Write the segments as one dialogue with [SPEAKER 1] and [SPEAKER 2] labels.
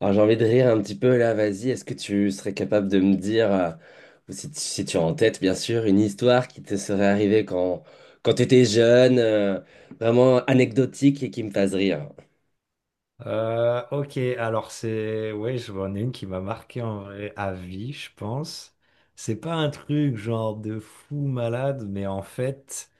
[SPEAKER 1] Alors j'ai envie de rire un petit peu là, vas-y, est-ce que tu serais capable de me dire, ou si, tu si tu as en tête bien sûr, une histoire qui te serait arrivée quand tu étais jeune, vraiment anecdotique et qui me fasse rire?
[SPEAKER 2] Ok, alors ouais, je vois une qui m'a marqué en vrai à vie, je pense. C'est pas un truc genre de fou malade, mais en fait...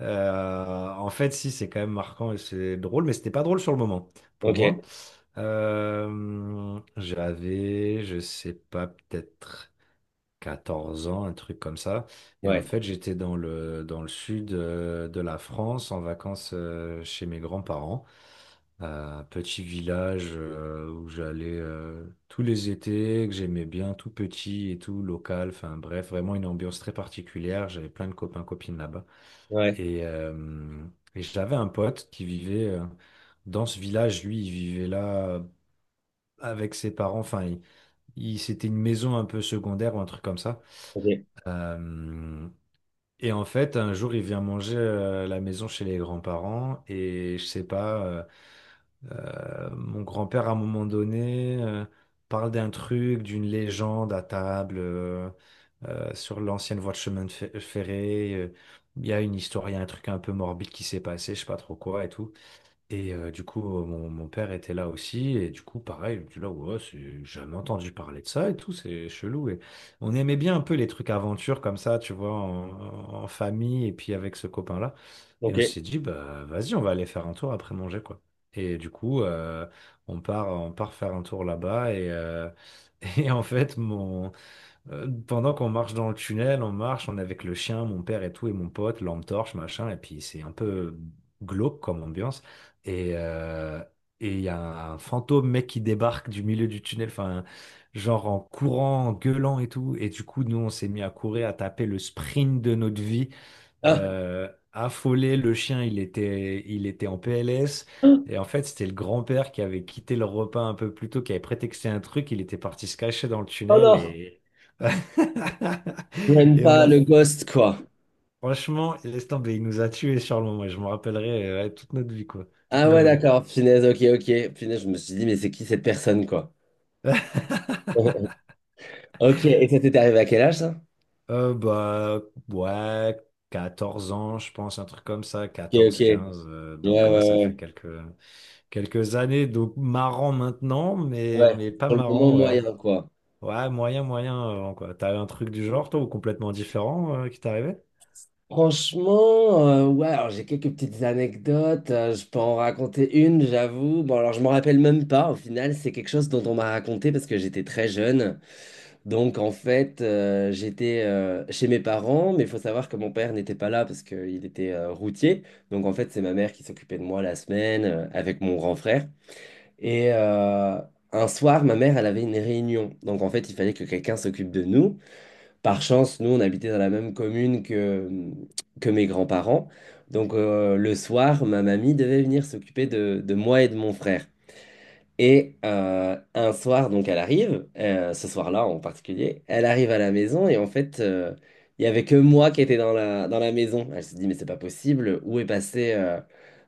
[SPEAKER 2] euh, en fait, si, c'est quand même marquant et c'est drôle, mais c'était pas drôle sur le moment, pour
[SPEAKER 1] Ok,
[SPEAKER 2] moi. J'avais, je sais pas, peut-être 14 ans, un truc comme ça. Et en
[SPEAKER 1] ouais,
[SPEAKER 2] fait, j'étais dans le sud, de la France en vacances, chez mes grands-parents, à un petit village où j'allais tous les étés, que j'aimais bien, tout petit et tout local. Enfin bref, vraiment une ambiance très particulière. J'avais plein de copains, copines là-bas.
[SPEAKER 1] ouais,
[SPEAKER 2] Et, euh, et j'avais un pote qui vivait dans ce village. Lui, il vivait là avec ses parents. Enfin, c'était une maison un peu secondaire ou un truc comme ça.
[SPEAKER 1] ok,
[SPEAKER 2] Euh, et en fait, un jour, il vient manger à la maison chez les grands-parents. Et je sais pas, mon grand-père, à un moment donné, parle d'un truc, d'une légende à table, sur l'ancienne voie de chemin de ferré. Il y a une histoire, il y a un truc un peu morbide qui s'est passé, je sais pas trop quoi et tout. Et du coup, mon père était là aussi, et du coup, pareil, il me dit là, ouais, j'ai jamais entendu parler de ça et tout, c'est chelou. Et on aimait bien un peu les trucs aventures comme ça, tu vois, en famille, et puis avec ce copain-là. Et
[SPEAKER 1] ok.
[SPEAKER 2] on s'est dit, bah, vas-y, on va aller faire un tour après manger, quoi. Et du coup, on part faire un tour là-bas. En fait, pendant qu'on marche dans le tunnel, on marche, on est avec le chien, mon père et tout, et mon pote, lampe torche, machin, et puis c'est un peu glauque comme ambiance. Et euh, et il y a un fantôme mec qui débarque du milieu du tunnel, enfin, genre en courant, en gueulant et tout. Et du coup, nous, on s'est mis à courir, à taper le sprint de notre vie
[SPEAKER 1] Ah,
[SPEAKER 2] euh, affolé. Le chien, il était en PLS.
[SPEAKER 1] ah,
[SPEAKER 2] Et en fait, c'était le grand-père qui avait quitté le repas un peu plus tôt, qui avait prétexté un truc. Il était parti se cacher dans le
[SPEAKER 1] oh
[SPEAKER 2] tunnel
[SPEAKER 1] non,
[SPEAKER 2] et,
[SPEAKER 1] même
[SPEAKER 2] et on
[SPEAKER 1] pas
[SPEAKER 2] a,
[SPEAKER 1] le ghost quoi.
[SPEAKER 2] Franchement, laisse tomber, il nous a tués sur le moment. Je me rappellerai, ouais, toute notre vie, quoi. Toute
[SPEAKER 1] Ah
[SPEAKER 2] ma
[SPEAKER 1] ouais,
[SPEAKER 2] vie.
[SPEAKER 1] d'accord, punaise, ok, ok, punaise, je me suis dit, mais c'est qui cette personne quoi? Ok, et ça t'était arrivé à quel âge ça?
[SPEAKER 2] Bah, ouais, 14 ans, je pense, un truc comme ça,
[SPEAKER 1] Ok, ok,
[SPEAKER 2] quatorze,
[SPEAKER 1] ouais,
[SPEAKER 2] quinze.
[SPEAKER 1] ouais,
[SPEAKER 2] Donc, ouais, ça
[SPEAKER 1] ouais,
[SPEAKER 2] fait
[SPEAKER 1] ouais,
[SPEAKER 2] quelques. Quelques années, donc marrant maintenant, mais,
[SPEAKER 1] ouais,
[SPEAKER 2] mais pas
[SPEAKER 1] sur le moment
[SPEAKER 2] marrant, ouais.
[SPEAKER 1] moyen quoi.
[SPEAKER 2] Ouais, moyen, moyen, quoi. T'as un truc du genre, toi, ou complètement différent, qui t'est arrivé?
[SPEAKER 1] Franchement, ouais, alors j'ai quelques petites anecdotes, je peux en raconter une, j'avoue. Bon, alors je m'en rappelle même pas, au final, c'est quelque chose dont on m'a raconté parce que j'étais très jeune. Donc en fait, j'étais chez mes parents, mais il faut savoir que mon père n'était pas là parce qu'il était routier. Donc en fait, c'est ma mère qui s'occupait de moi la semaine avec mon grand frère. Et un soir, ma mère, elle avait une réunion. Donc en fait, il fallait que quelqu'un s'occupe de nous. Par chance, nous, on habitait dans la même commune que mes grands-parents. Donc, le soir, ma mamie devait venir s'occuper de moi et de mon frère. Et un soir, donc, elle arrive, ce soir-là en particulier, elle arrive à la maison et en fait, il n'y avait que moi qui étais dans la maison. Elle se dit, mais c'est pas possible, où est passée euh,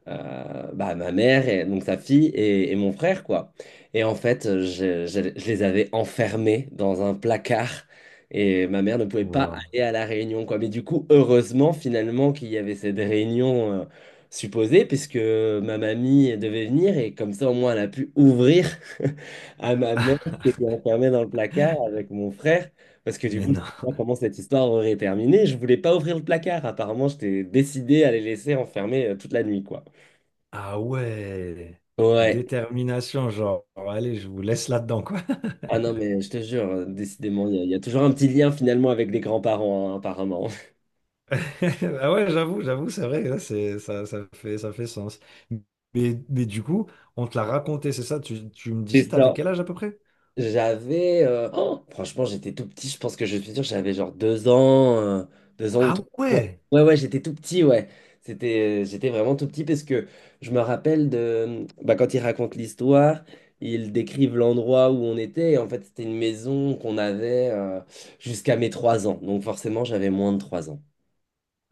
[SPEAKER 1] euh, bah, ma mère, et, donc sa fille et mon frère, quoi. Et en fait, je les avais enfermés dans un placard et ma mère ne pouvait pas
[SPEAKER 2] Wow.
[SPEAKER 1] aller à la réunion, quoi. Mais du coup, heureusement, finalement, qu'il y avait cette réunion supposé, puisque ma mamie devait venir et comme ça au moins elle a pu ouvrir à ma mère qui était enfermée dans le placard avec mon frère, parce que du
[SPEAKER 2] Mais
[SPEAKER 1] coup je
[SPEAKER 2] non.
[SPEAKER 1] sais pas comment cette histoire aurait terminé, je voulais pas ouvrir le placard, apparemment j'étais décidé à les laisser enfermer toute la nuit quoi.
[SPEAKER 2] Ah ouais.
[SPEAKER 1] Ouais,
[SPEAKER 2] Détermination, genre, allez, je vous laisse là-dedans, quoi.
[SPEAKER 1] ah non mais je te jure, décidément il y a toujours un petit lien finalement avec les grands-parents hein, apparemment.
[SPEAKER 2] Ah ouais, j'avoue, c'est vrai, là, c'est, ça, ça fait sens. Mais du coup, on te l'a raconté, c'est ça? Tu me disais,
[SPEAKER 1] C'est
[SPEAKER 2] t'avais
[SPEAKER 1] ça.
[SPEAKER 2] quel âge à peu près?
[SPEAKER 1] J'avais, oh, franchement, j'étais tout petit. Je pense que je suis sûr, j'avais genre 2 ans, 2 ans ou
[SPEAKER 2] Ah
[SPEAKER 1] trois. Ouais,
[SPEAKER 2] ouais!
[SPEAKER 1] ouais, ouais, j'étais tout petit, ouais. C'était, j'étais vraiment tout petit parce que je me rappelle de, bah, quand ils racontent l'histoire, ils décrivent l'endroit où on était. Et en fait, c'était une maison qu'on avait jusqu'à mes 3 ans. Donc forcément, j'avais moins de 3 ans.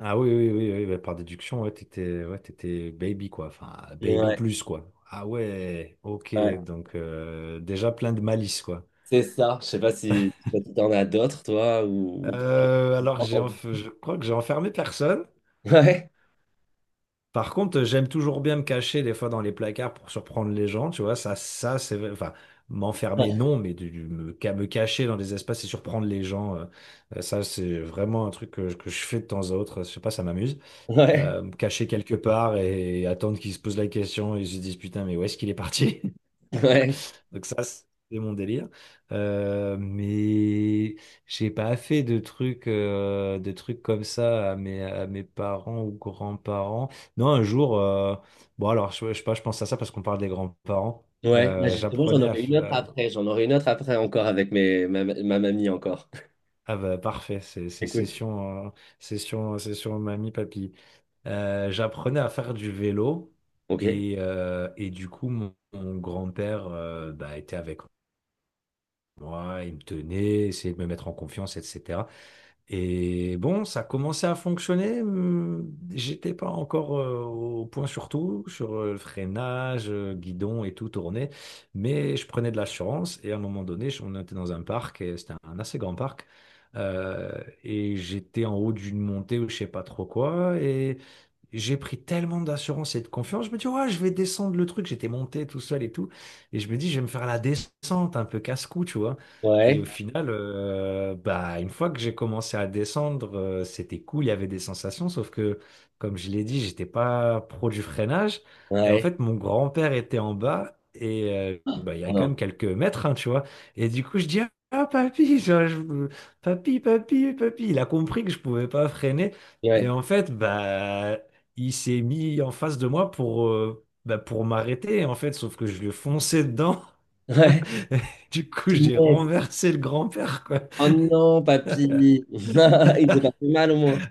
[SPEAKER 2] Ah oui, oui, oui, oui, bah, par déduction, ouais, t'étais baby, quoi. Enfin, baby
[SPEAKER 1] Ouais,
[SPEAKER 2] plus, quoi. Ah ouais, ok,
[SPEAKER 1] ouais,
[SPEAKER 2] donc déjà plein de malice, quoi.
[SPEAKER 1] c'est ça. je sais pas si t'en as d'autres, toi, ou...
[SPEAKER 2] Alors,
[SPEAKER 1] ou-
[SPEAKER 2] je crois que j'ai enfermé personne.
[SPEAKER 1] Ouais,
[SPEAKER 2] Par contre, j'aime toujours bien me cacher des fois dans les placards pour surprendre les gens, tu vois. Ça, c'est, enfin, m'enfermer, non, mais de me cacher dans des espaces et surprendre les gens, ça, c'est vraiment un truc que je fais de temps à autre. Je sais pas, ça m'amuse.
[SPEAKER 1] ouais,
[SPEAKER 2] Caché quelque part et attendre qu'ils se posent la question et ils se disent putain, mais où est-ce qu'il est parti?
[SPEAKER 1] ouais.
[SPEAKER 2] Donc ça, c'est mon délire. Mais j'ai pas fait de trucs comme ça à mes parents ou grands-parents. Non, un jour, bon alors, je sais pas, je pense à ça parce qu'on parle des grands-parents.
[SPEAKER 1] Ouais, bah
[SPEAKER 2] Euh,
[SPEAKER 1] justement, j'en
[SPEAKER 2] j'apprenais à,
[SPEAKER 1] aurai
[SPEAKER 2] f-
[SPEAKER 1] une autre après. J'en aurai une autre après encore avec ma mamie encore.
[SPEAKER 2] Ah bah parfait, c'est
[SPEAKER 1] Écoute.
[SPEAKER 2] session, session mamie, papy. J'apprenais à faire du vélo
[SPEAKER 1] Ok.
[SPEAKER 2] et du coup mon grand-père, bah, était avec moi, il me tenait, essayait de me mettre en confiance, etc. Et bon, ça commençait à fonctionner. J'étais pas encore au point sur tout, sur le freinage, guidon et tout tourné, mais je prenais de la chance. Et à un moment donné, on était dans un parc, et c'était un assez grand parc, euh, et j'étais en haut d'une montée ou je sais pas trop quoi, j'ai pris tellement d'assurance et de confiance. Je me dis, ouais, je vais descendre le truc. J'étais monté tout seul et tout. Et je me dis, je vais me faire la descente, un peu casse-cou, tu vois. Et
[SPEAKER 1] Ouais.
[SPEAKER 2] au final, bah, une fois que j'ai commencé à descendre, c'était cool, il y avait des sensations. Sauf que, comme je l'ai dit, j'étais pas pro du freinage. Et en
[SPEAKER 1] Ouais.
[SPEAKER 2] fait, mon grand-père était en bas. Et bah, il y
[SPEAKER 1] Oh
[SPEAKER 2] a quand même
[SPEAKER 1] non.
[SPEAKER 2] quelques mètres, hein, tu vois. Et du coup, je dis, ah, papy, papy, papy, papy. Il a compris que je pouvais pas freiner. Et
[SPEAKER 1] Ouais.
[SPEAKER 2] en fait, bah, il s'est mis en face de moi pour m'arrêter, en fait, sauf que je lui ai foncé dedans.
[SPEAKER 1] Ouais.
[SPEAKER 2] Du coup, j'ai
[SPEAKER 1] Punaise.
[SPEAKER 2] renversé le grand-père.
[SPEAKER 1] Oh non, papy. Il s'est pas fait mal au moins.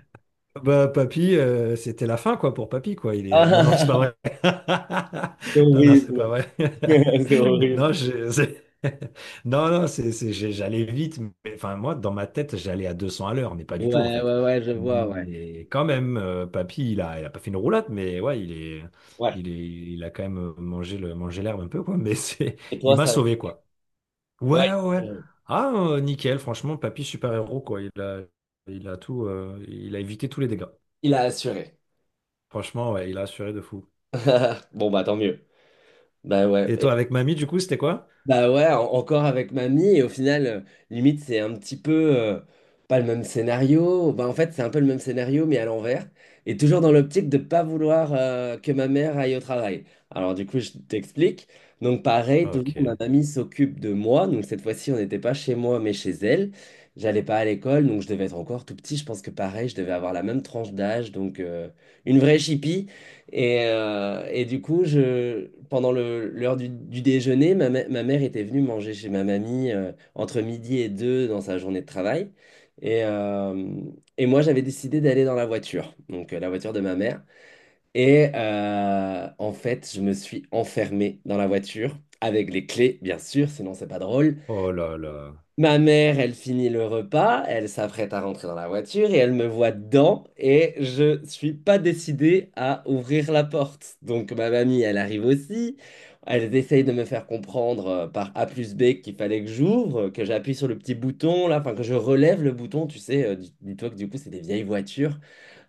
[SPEAKER 2] Bah, papy, c'était la fin, quoi, pour papy, quoi. Non, non, c'est pas
[SPEAKER 1] Ah,
[SPEAKER 2] vrai.
[SPEAKER 1] c'est
[SPEAKER 2] Non, non, c'est pas
[SPEAKER 1] horrible.
[SPEAKER 2] vrai.
[SPEAKER 1] C'est
[SPEAKER 2] Non,
[SPEAKER 1] horrible.
[SPEAKER 2] non, non, j'allais vite. Enfin, moi, dans ma tête, j'allais à 200 à l'heure, mais pas du tout, en
[SPEAKER 1] Ouais,
[SPEAKER 2] fait.
[SPEAKER 1] ouais, ouais, je vois, ouais.
[SPEAKER 2] Mais quand même, papy, il a pas fait une roulade, mais ouais, il est,
[SPEAKER 1] Ouais.
[SPEAKER 2] il est, il a quand même mangé l'herbe un peu, quoi.
[SPEAKER 1] Et
[SPEAKER 2] Il
[SPEAKER 1] toi,
[SPEAKER 2] m'a
[SPEAKER 1] ça...
[SPEAKER 2] sauvé, quoi.
[SPEAKER 1] Ouais.
[SPEAKER 2] Ouais, ouais. Ouais. Ah, nickel, franchement, papy, super-héros, quoi. Il a évité tous les dégâts.
[SPEAKER 1] Il a assuré.
[SPEAKER 2] Franchement, ouais, il a assuré de fou.
[SPEAKER 1] Bon, bah tant mieux. Bah ouais.
[SPEAKER 2] Et toi, avec mamie, du coup, c'était quoi?
[SPEAKER 1] Bah ouais, encore avec mamie, et au final, limite, c'est un petit peu euh, pas le même scénario. Bah en fait, c'est un peu le même scénario, mais à l'envers. Et toujours dans l'optique de pas vouloir que ma mère aille au travail. Alors du coup, je t'explique. Donc pareil,
[SPEAKER 2] Ah,
[SPEAKER 1] toujours ma
[SPEAKER 2] ok.
[SPEAKER 1] mamie s'occupe de moi. Donc cette fois-ci, on n'était pas chez moi, mais chez elle. J'allais pas à l'école, donc je devais être encore tout petit. Je pense que pareil, je devais avoir la même tranche d'âge, donc une vraie chipie. Et du coup, pendant l'heure du déjeuner, ma mère était venue manger chez ma mamie entre midi et deux dans sa journée de travail. Et, euh, et moi, j'avais décidé d'aller dans la voiture, donc la voiture de ma mère. Et en fait, je me suis enfermé dans la voiture avec les clés, bien sûr, sinon c'est pas drôle.
[SPEAKER 2] Oh là là.
[SPEAKER 1] Ma mère, elle finit le repas, elle s'apprête à rentrer dans la voiture et elle me voit dedans et je suis pas décidé à ouvrir la porte. Donc ma mamie, elle arrive aussi. Elle essaye de me faire comprendre par A plus B qu'il fallait que j'ouvre, que j'appuie sur le petit bouton là, enfin que je relève le bouton, tu sais. Dis-toi que du coup, c'est des vieilles voitures.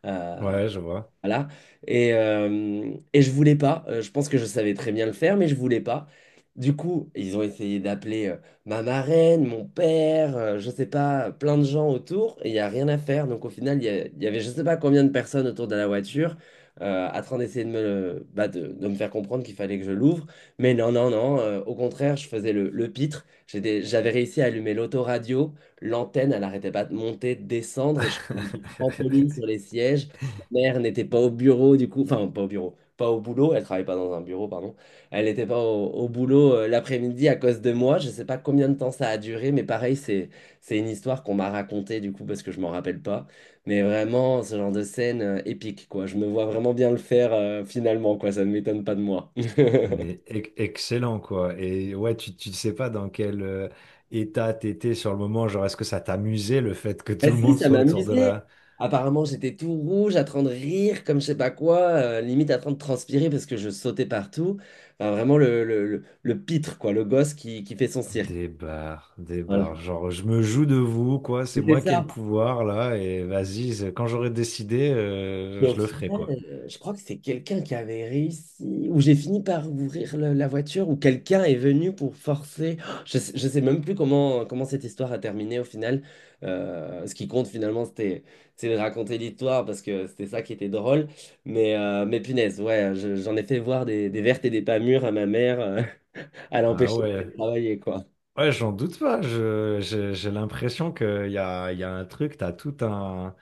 [SPEAKER 1] euh,
[SPEAKER 2] Ouais, je vois.
[SPEAKER 1] voilà. Et je voulais pas. Je pense que je savais très bien le faire, mais je voulais pas. Du coup, ils ont essayé d'appeler ma marraine, mon père, je sais pas, plein de gens autour, et il n'y a rien à faire. Donc au final, il y avait je sais pas combien de personnes autour de la voiture, à train d'essayer de bah, de me faire comprendre qu'il fallait que je l'ouvre. Mais non, non, non. Au contraire, je faisais le pitre. J'avais réussi à allumer l'autoradio. L'antenne, elle arrêtait pas de monter, de descendre, et je faisais des trampolines sur les sièges mère n'était pas au bureau, du coup, enfin, pas au bureau, pas au boulot, elle travaillait pas dans un bureau, pardon. Elle n'était pas au boulot l'après-midi à cause de moi. Je sais pas combien de temps ça a duré, mais pareil, c'est une histoire qu'on m'a racontée, du coup, parce que je m'en rappelle pas. Mais vraiment, ce genre de scène épique, quoi. Je me vois vraiment bien le faire finalement, quoi. Ça ne m'étonne pas de moi.
[SPEAKER 2] Mais excellent, quoi. Et ouais, tu sais pas dans quel état t'étais sur le moment. Genre, est-ce que ça t'amusait le fait que
[SPEAKER 1] Bah
[SPEAKER 2] tout le
[SPEAKER 1] si,
[SPEAKER 2] monde
[SPEAKER 1] ça
[SPEAKER 2] soit autour de
[SPEAKER 1] m'amusait.
[SPEAKER 2] là?
[SPEAKER 1] Apparemment, j'étais tout rouge, à train de rire, comme je sais pas quoi, limite à train de transpirer parce que je sautais partout. Enfin, vraiment le pitre, quoi, le gosse qui fait son cirque.
[SPEAKER 2] Des bars, des
[SPEAKER 1] Voilà.
[SPEAKER 2] bars. Genre, je me joue de vous, quoi. C'est
[SPEAKER 1] C'était
[SPEAKER 2] moi qui ai le
[SPEAKER 1] ça.
[SPEAKER 2] pouvoir, là. Et vas-y, quand j'aurai décidé,
[SPEAKER 1] Mais au
[SPEAKER 2] je le ferai,
[SPEAKER 1] final,
[SPEAKER 2] quoi.
[SPEAKER 1] je crois que c'est quelqu'un qui avait réussi, ou j'ai fini par ouvrir la voiture, ou quelqu'un est venu pour forcer. Je sais même plus comment cette histoire a terminé au final. Ce qui compte finalement, c'est de raconter l'histoire parce que c'était ça qui était drôle. Mais punaise, ouais, j'en ai fait voir des vertes et des pas mûres à ma mère, à
[SPEAKER 2] Ah
[SPEAKER 1] l'empêcher
[SPEAKER 2] ouais.
[SPEAKER 1] d'aller travailler, quoi.
[SPEAKER 2] Ouais, j'en doute pas. J'ai l'impression qu'il y a un truc, t'as tout un,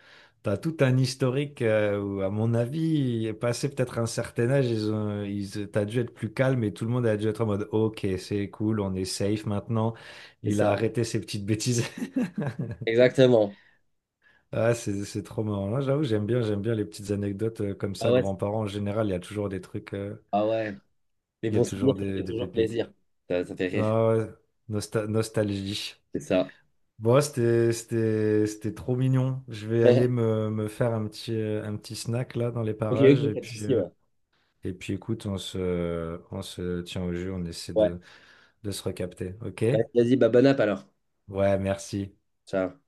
[SPEAKER 2] t'as tout un historique, où, à mon avis, passé peut-être un certain âge, t'as dû être plus calme et tout le monde a dû être en mode, OK, c'est cool, on est safe maintenant.
[SPEAKER 1] C'est
[SPEAKER 2] Il a
[SPEAKER 1] ça.
[SPEAKER 2] arrêté ses petites bêtises.
[SPEAKER 1] Exactement.
[SPEAKER 2] Ah, c'est trop marrant. Là, j'avoue, j'aime bien les petites anecdotes comme
[SPEAKER 1] Ah
[SPEAKER 2] ça.
[SPEAKER 1] ouais,
[SPEAKER 2] Grands-parents, en général, il y a toujours des trucs.
[SPEAKER 1] ah ouais. Les
[SPEAKER 2] Il y a
[SPEAKER 1] bons souvenirs,
[SPEAKER 2] toujours
[SPEAKER 1] ça
[SPEAKER 2] des,
[SPEAKER 1] fait
[SPEAKER 2] des
[SPEAKER 1] toujours
[SPEAKER 2] pépites.
[SPEAKER 1] plaisir. Ça fait rire.
[SPEAKER 2] Ah ouais, nostalgie.
[SPEAKER 1] C'est ça.
[SPEAKER 2] Bon, c'était trop mignon. Je vais aller me faire un petit snack là dans les
[SPEAKER 1] Ok,
[SPEAKER 2] parages.
[SPEAKER 1] ok,
[SPEAKER 2] Et
[SPEAKER 1] pas de
[SPEAKER 2] puis,
[SPEAKER 1] souci,
[SPEAKER 2] euh,
[SPEAKER 1] ouais.
[SPEAKER 2] et puis écoute, on se tient au jeu, on essaie
[SPEAKER 1] Ouais.
[SPEAKER 2] de se recapter. OK?
[SPEAKER 1] Vas-y, bah, bonne app alors.
[SPEAKER 2] Ouais, merci.
[SPEAKER 1] Ciao.